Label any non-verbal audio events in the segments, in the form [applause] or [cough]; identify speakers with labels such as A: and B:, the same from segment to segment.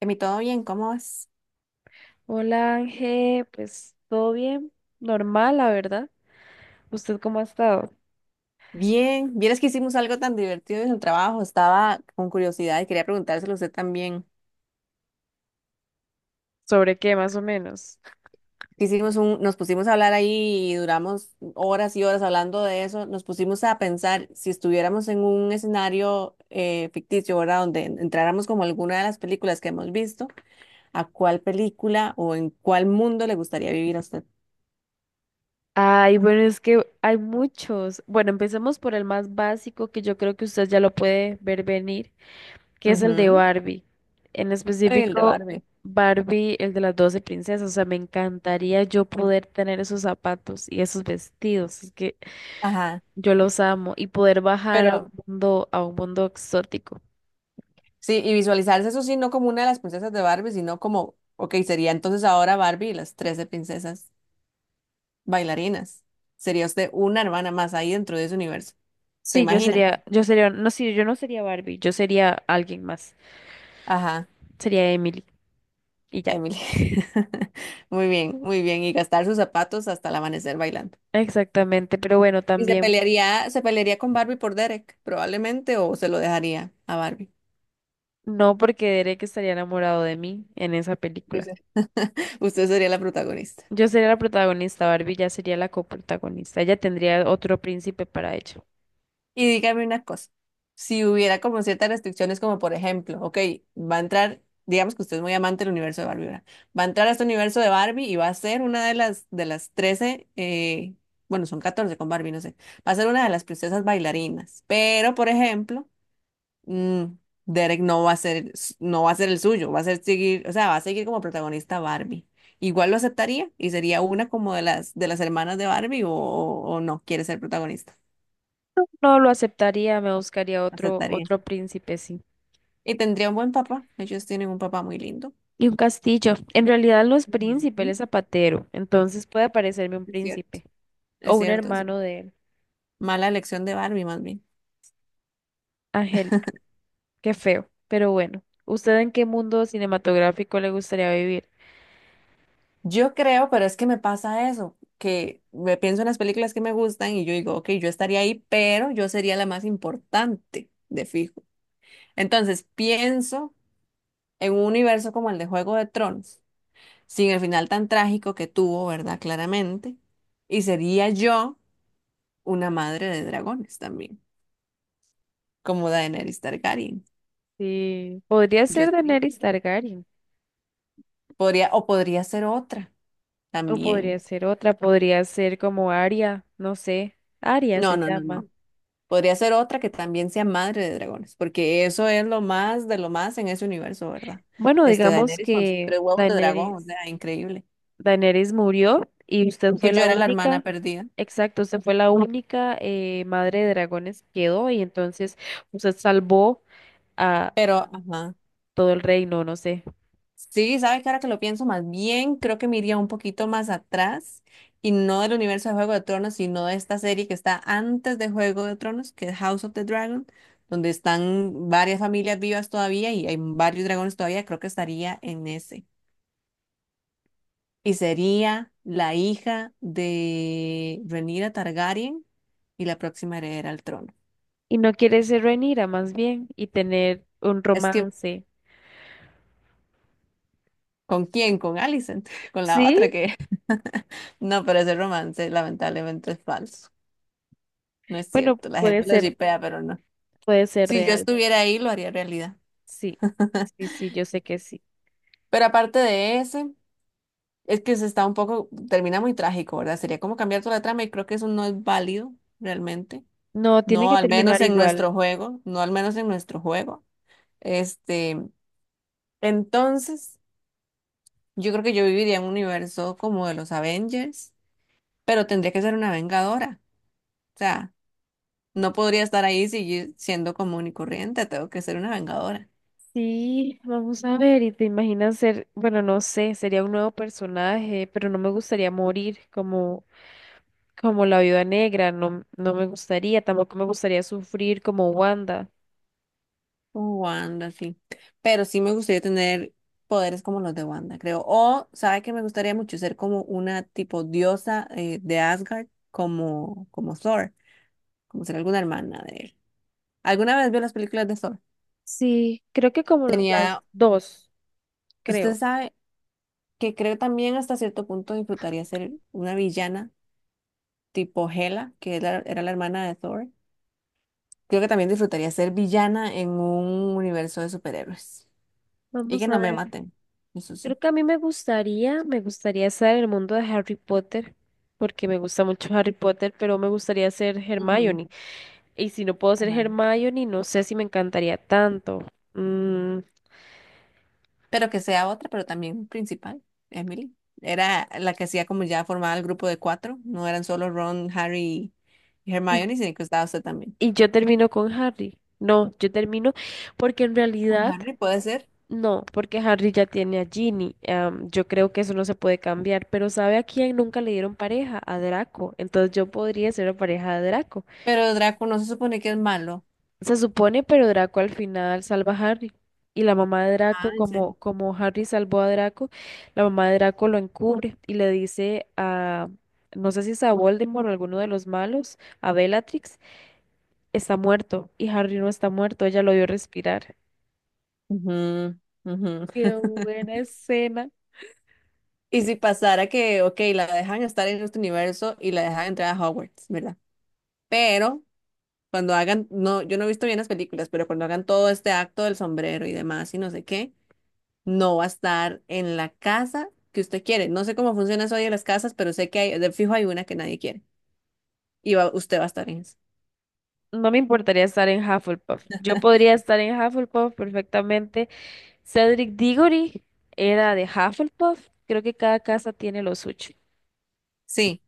A: Emi, ¿todo bien? ¿Cómo vas?
B: Hola Ángel, pues todo bien, normal, la verdad. ¿Usted cómo ha estado?
A: Bien, vieras que hicimos algo tan divertido en el trabajo, estaba con curiosidad y quería preguntárselo a usted también.
B: ¿Sobre qué más o menos?
A: Nos pusimos a hablar ahí y duramos horas y horas hablando de eso, nos pusimos a pensar si estuviéramos en un escenario ficticio, ¿verdad? Donde entráramos como alguna de las películas que hemos visto, ¿a cuál película o en cuál mundo le gustaría vivir a usted?
B: Ay, bueno, es que hay muchos. Bueno, empecemos por el más básico que yo creo que usted ya lo puede ver venir, que es el de
A: Ujú.
B: Barbie. En
A: El de
B: específico,
A: Barbie.
B: Barbie, el de las 12 princesas. O sea, me encantaría yo poder tener esos zapatos y esos vestidos. Es que
A: Ajá.
B: yo los amo y poder bajar
A: Pero
B: a un mundo exótico.
A: sí, y visualizarse eso sí, no como una de las princesas de Barbie, sino como, ok, sería entonces ahora Barbie y las 13 princesas bailarinas. Sería usted una hermana más ahí dentro de ese universo. ¿Se
B: Sí, yo
A: imagina?
B: sería, yo sería, no, sí, yo no sería Barbie, yo sería alguien más,
A: Ajá,
B: sería Emily y ya.
A: Emily. [laughs] Muy bien, muy bien. Y gastar sus zapatos hasta el amanecer bailando.
B: Exactamente, pero bueno,
A: Y
B: también
A: se pelearía con Barbie por Derek, probablemente, o se lo dejaría a Barbie.
B: no porque Derek estaría enamorado de mí en esa
A: Yo
B: película.
A: sé. [laughs] Usted sería la protagonista.
B: Yo sería la protagonista, Barbie ya sería la coprotagonista, ella tendría otro príncipe para ella.
A: Y dígame una cosa, si hubiera como ciertas restricciones, como por ejemplo, ok, va a entrar, digamos que usted es muy amante del universo de Barbie, ¿verdad? Va a entrar a este universo de Barbie y va a ser una de las 13 bueno, son 14 con Barbie, no sé, va a ser una de las princesas bailarinas, pero por ejemplo, mm, Derek no va a ser, no va a ser el suyo, va a ser seguir, o sea, va a seguir como protagonista Barbie. Igual lo aceptaría y sería una como de las hermanas de Barbie o, o no quiere ser protagonista,
B: No lo aceptaría, me buscaría otro,
A: aceptaría.
B: otro príncipe, sí.
A: Y tendría un buen papá. Ellos tienen un papá muy lindo.
B: Y un castillo. En realidad no es príncipe, él
A: Ujú.
B: es zapatero, entonces puede aparecerme un
A: Es cierto.
B: príncipe. O
A: Es
B: un
A: cierto, es cierto.
B: hermano de él,
A: Mala elección de Barbie, más bien.
B: Angélica. Qué feo, pero bueno. ¿Usted en qué mundo cinematográfico le gustaría vivir?
A: Yo creo, pero es que me pasa eso, que me pienso en las películas que me gustan y yo digo, ok, yo estaría ahí, pero yo sería la más importante, de fijo. Entonces pienso en un universo como el de Juego de Tronos, sin el final tan trágico que tuvo, ¿verdad? Claramente. Y sería yo una madre de dragones también, como Daenerys Targaryen.
B: Sí, podría
A: Yo
B: ser
A: sería
B: Daenerys Targaryen,
A: podría, o podría ser otra
B: o podría
A: también.
B: ser otra, podría ser como Arya, no sé, Arya
A: No,
B: se
A: no, no,
B: llama.
A: no. Podría ser otra que también sea madre de dragones, porque eso es lo más de lo más en ese universo, ¿verdad?
B: Bueno,
A: Este
B: digamos
A: Daenerys con sus
B: que
A: tres huevos de dragón, o
B: Daenerys,
A: sea, increíble.
B: Daenerys murió y usted
A: Que
B: fue
A: yo
B: la
A: era la hermana
B: única,
A: perdida,
B: exacto, usted fue la única madre de dragones que quedó y entonces usted salvó a
A: pero ajá.
B: todo el reino, no sé.
A: Sí, sabes que ahora que lo pienso más bien, creo que me iría un poquito más atrás y no del universo de Juego de Tronos, sino de esta serie que está antes de Juego de Tronos, que es House of the Dragon, donde están varias familias vivas todavía y hay varios dragones todavía, creo que estaría en ese. Y sería la hija de Rhaenyra Targaryen y la próxima heredera al trono.
B: Y no quieres ser Rhaenyra más bien y tener un
A: Es que,
B: romance.
A: ¿Con quién? Con Alicent, [laughs] con la
B: ¿Sí?
A: otra que... [laughs] No, pero ese romance lamentablemente es falso. No es
B: Bueno,
A: cierto, la gente lo shipea, pero no.
B: puede ser
A: Si yo
B: real.
A: estuviera ahí, lo haría realidad.
B: Sí, sí, sí, yo sé que sí.
A: Pero aparte de ese, es que se está un poco, termina muy trágico, ¿verdad? Sería como cambiar toda la trama y creo que eso no es válido realmente.
B: No, tiene
A: No,
B: que
A: al menos
B: terminar
A: en
B: igual.
A: nuestro juego, no al menos en nuestro juego. Este, entonces, yo creo que yo viviría en un universo como de los Avengers, pero tendría que ser una vengadora. O sea, no podría estar ahí siendo común y corriente, tengo que ser una vengadora.
B: Sí, vamos a ver, y te imaginas ser, bueno, no sé, sería un nuevo personaje, pero no me gustaría morir como, como la viuda negra, no, no me gustaría, tampoco me gustaría sufrir como Wanda.
A: Como Wanda, sí. Pero sí me gustaría tener poderes como los de Wanda, creo. O, ¿sabe que me gustaría mucho ser como una tipo diosa de Asgard, como, como Thor, como ser alguna hermana de él? ¿Alguna vez vio las películas de Thor?
B: Sí, creo que como las
A: Tenía,
B: dos,
A: usted
B: creo.
A: sabe que creo también hasta cierto punto disfrutaría ser una villana tipo Hela, que era, era la hermana de Thor. Creo que también disfrutaría ser villana en un universo de superhéroes. Y que
B: Vamos a
A: no me
B: ver.
A: maten, eso
B: Creo
A: sí.
B: que a mí me gustaría estar en el mundo de Harry Potter, porque me gusta mucho Harry Potter, pero me gustaría ser
A: Ujú.
B: Hermione. Y si no puedo ser
A: Amai.
B: Hermione, no sé si me encantaría tanto. Mm,
A: Pero que sea otra, pero también principal, Emily. Era la que hacía como ya formaba el grupo de cuatro. No eran solo Ron, Harry y
B: y,
A: Hermione, sino que estaba usted también.
B: y yo termino con Harry. No, yo termino porque en
A: Con
B: realidad
A: Harry puede ser,
B: no, porque Harry ya tiene a Ginny. Am, yo creo que eso no se puede cambiar, pero ¿sabe a quién nunca le dieron pareja? A Draco. Entonces yo podría ser la pareja de Draco.
A: pero Draco no se supone que es malo.
B: Se supone, pero Draco al final salva a Harry. Y la mamá de
A: Ah,
B: Draco,
A: ¿en serio?
B: como, como Harry salvó a Draco, la mamá de Draco lo encubre y le dice a, no sé si es a Voldemort o alguno de los malos, a Bellatrix, está muerto y Harry no está muerto, ella lo vio respirar.
A: Ujú, ujú.
B: Qué buena escena.
A: Y si pasara que, ok, la dejan estar en este universo y la dejan entrar a Hogwarts, ¿verdad? Pero cuando hagan, no, yo no he visto bien las películas, pero cuando hagan todo este acto del sombrero y demás y no sé qué. No va a estar en la casa que usted quiere. No sé cómo funciona eso hoy en las casas, pero sé que hay, de fijo hay una que nadie quiere. Y usted va a estar en esa.
B: No me importaría estar en Hufflepuff. Yo podría estar en Hufflepuff perfectamente. Cedric Diggory era de Hufflepuff. Creo que cada casa tiene lo suyo.
A: Sí.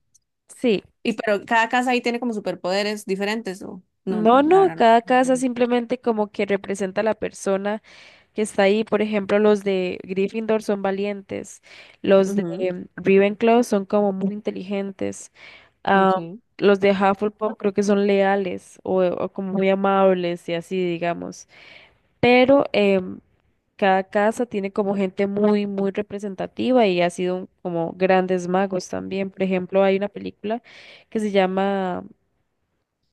B: Sí.
A: Y pero cada casa ahí tiene como superpoderes diferentes, o no,
B: No,
A: la
B: no,
A: verdad
B: cada casa simplemente como que representa a la persona que está ahí. Por ejemplo, los de Gryffindor son valientes, los de
A: no.
B: Ravenclaw son como muy inteligentes,
A: Ujú,
B: ah,
A: ok.
B: los de Hufflepuff creo que son leales o como muy amables y así, digamos. Pero cada casa tiene como gente muy, muy representativa y ha sido un- como grandes magos también. Por ejemplo, hay una película que se llama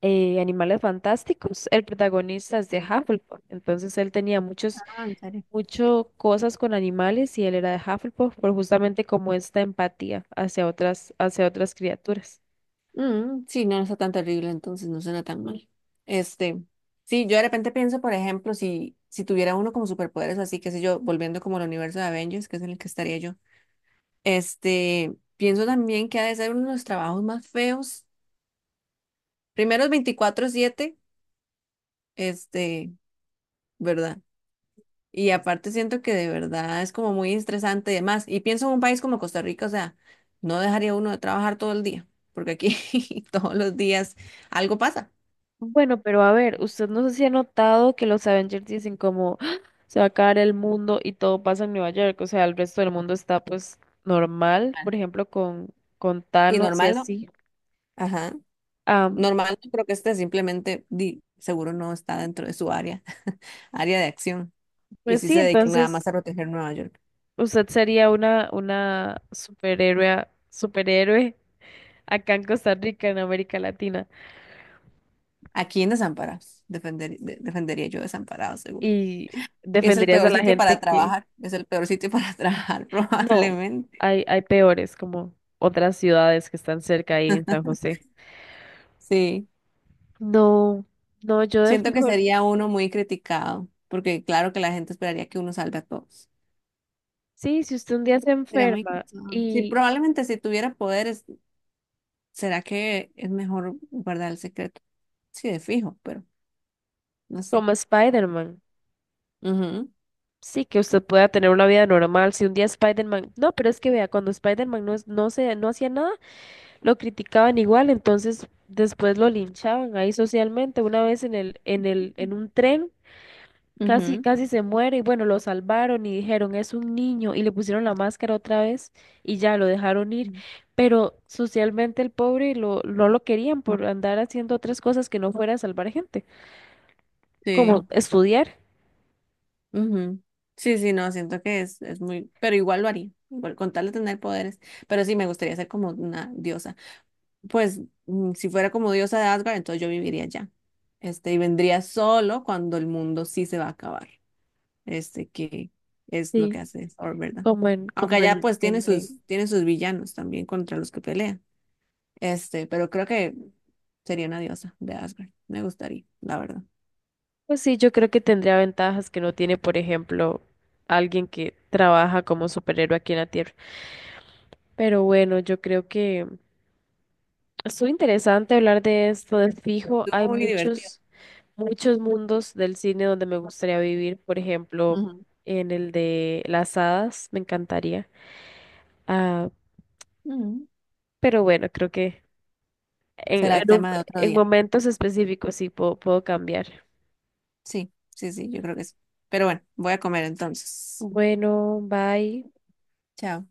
B: Animales Fantásticos, el protagonista es de
A: Sí.
B: Hufflepuff, entonces él tenía muchos,
A: Ah, en serio.
B: mucho cosas con animales y él era de Hufflepuff por justamente como esta empatía hacia otras criaturas.
A: Mm, sí, no está tan terrible, entonces no suena tan mal. Este, sí, yo de repente pienso, por ejemplo, si tuviera uno como superpoderes, así que sé yo, volviendo como al universo de Avengers, que es en el que estaría yo. Este, pienso también que ha de ser uno de los trabajos más feos. Primero es 24/7, este, ¿verdad? Y aparte siento que de verdad es como muy estresante y demás. Y pienso en un país como Costa Rica, o sea, no dejaría uno de trabajar todo el día, porque aquí [laughs] todos los días algo pasa.
B: Bueno, pero a ver, usted no sé si ha notado que los Avengers dicen como "Ah, se va a acabar el mundo", y todo pasa en Nueva York, o sea, el resto del mundo está pues normal, por
A: Claro.
B: ejemplo, con
A: Y
B: Thanos y
A: normal no.
B: así.
A: Ajá.
B: Am,
A: Normal no creo que este simplemente di, seguro no está dentro de su área, [laughs] área de acción. Y
B: pues
A: sí
B: sí,
A: se dedica nada más a
B: entonces...
A: proteger Nueva York.
B: Usted sería una superhéroe, superhéroe acá en Costa Rica, en América Latina,
A: Aquí en Desamparados, defendería yo Desamparados, seguro.
B: y
A: Es el
B: defenderías a
A: peor
B: la
A: sitio
B: gente
A: para
B: que
A: trabajar, es el peor sitio para [laughs] trabajar,
B: no,
A: probablemente.
B: hay peores, como otras ciudades que están cerca ahí en San José.
A: Sí,
B: No, no, yo de
A: siento que
B: fijo,
A: sería uno muy criticado, porque claro que la gente esperaría que uno salve a todos.
B: sí, si usted un día se
A: Sería muy
B: enferma.
A: cansado. Sí,
B: Y
A: probablemente si tuviera poderes, ¿será que es mejor guardar el secreto? Sí, de fijo, pero no sé.
B: como Spider-Man,
A: Ujú,
B: sí, que usted pueda tener una vida normal, si un día Spider-Man, no, pero es que vea, cuando Spider-Man no, es- no se, no hacía nada, lo criticaban igual, entonces después lo linchaban ahí socialmente. Una vez en el, en el, en un tren, casi,
A: ujú,
B: casi se muere, y bueno, lo salvaron y dijeron, es un niño, y le pusieron la máscara otra vez, y ya lo dejaron ir. Pero socialmente el pobre lo, no lo querían por andar haciendo otras cosas que no fuera a salvar gente, como
A: sí.
B: estudiar,
A: Ujú. Sí, sí, no, siento que es muy, pero igual lo haría, igual con tal de tener poderes, pero sí me gustaría ser como una diosa. Pues mm, si fuera como diosa de Asgard, entonces yo viviría allá. Este, y vendría solo cuando el mundo sí se va a acabar. Este, que es lo que
B: sí.
A: hace Thor, ¿verdad?
B: Como en,
A: Aunque
B: como
A: allá pues
B: en que-
A: tiene sus villanos también contra los que pelea. Este, pero creo que sería una diosa de Asgard. Me gustaría, la verdad.
B: Pues sí, yo creo que tendría ventajas que no tiene, por ejemplo, alguien que trabaja como superhéroe aquí en la Tierra. Pero bueno, yo creo que estuvo interesante hablar de esto, de fijo. Hay
A: Estuvo muy divertido.
B: muchos, muchos mundos del cine donde me gustaría vivir. Por ejemplo,
A: Ujú.
B: en el de las hadas, me encantaría. Ah,
A: Ujú.
B: pero bueno, creo que
A: Será
B: en un-
A: tema de otro
B: en
A: día.
B: momentos específicos sí puedo, puedo cambiar.
A: Sí, sí, sí, yo creo que sí. Pero bueno, voy a comer entonces.
B: Bueno, bye.
A: Chao.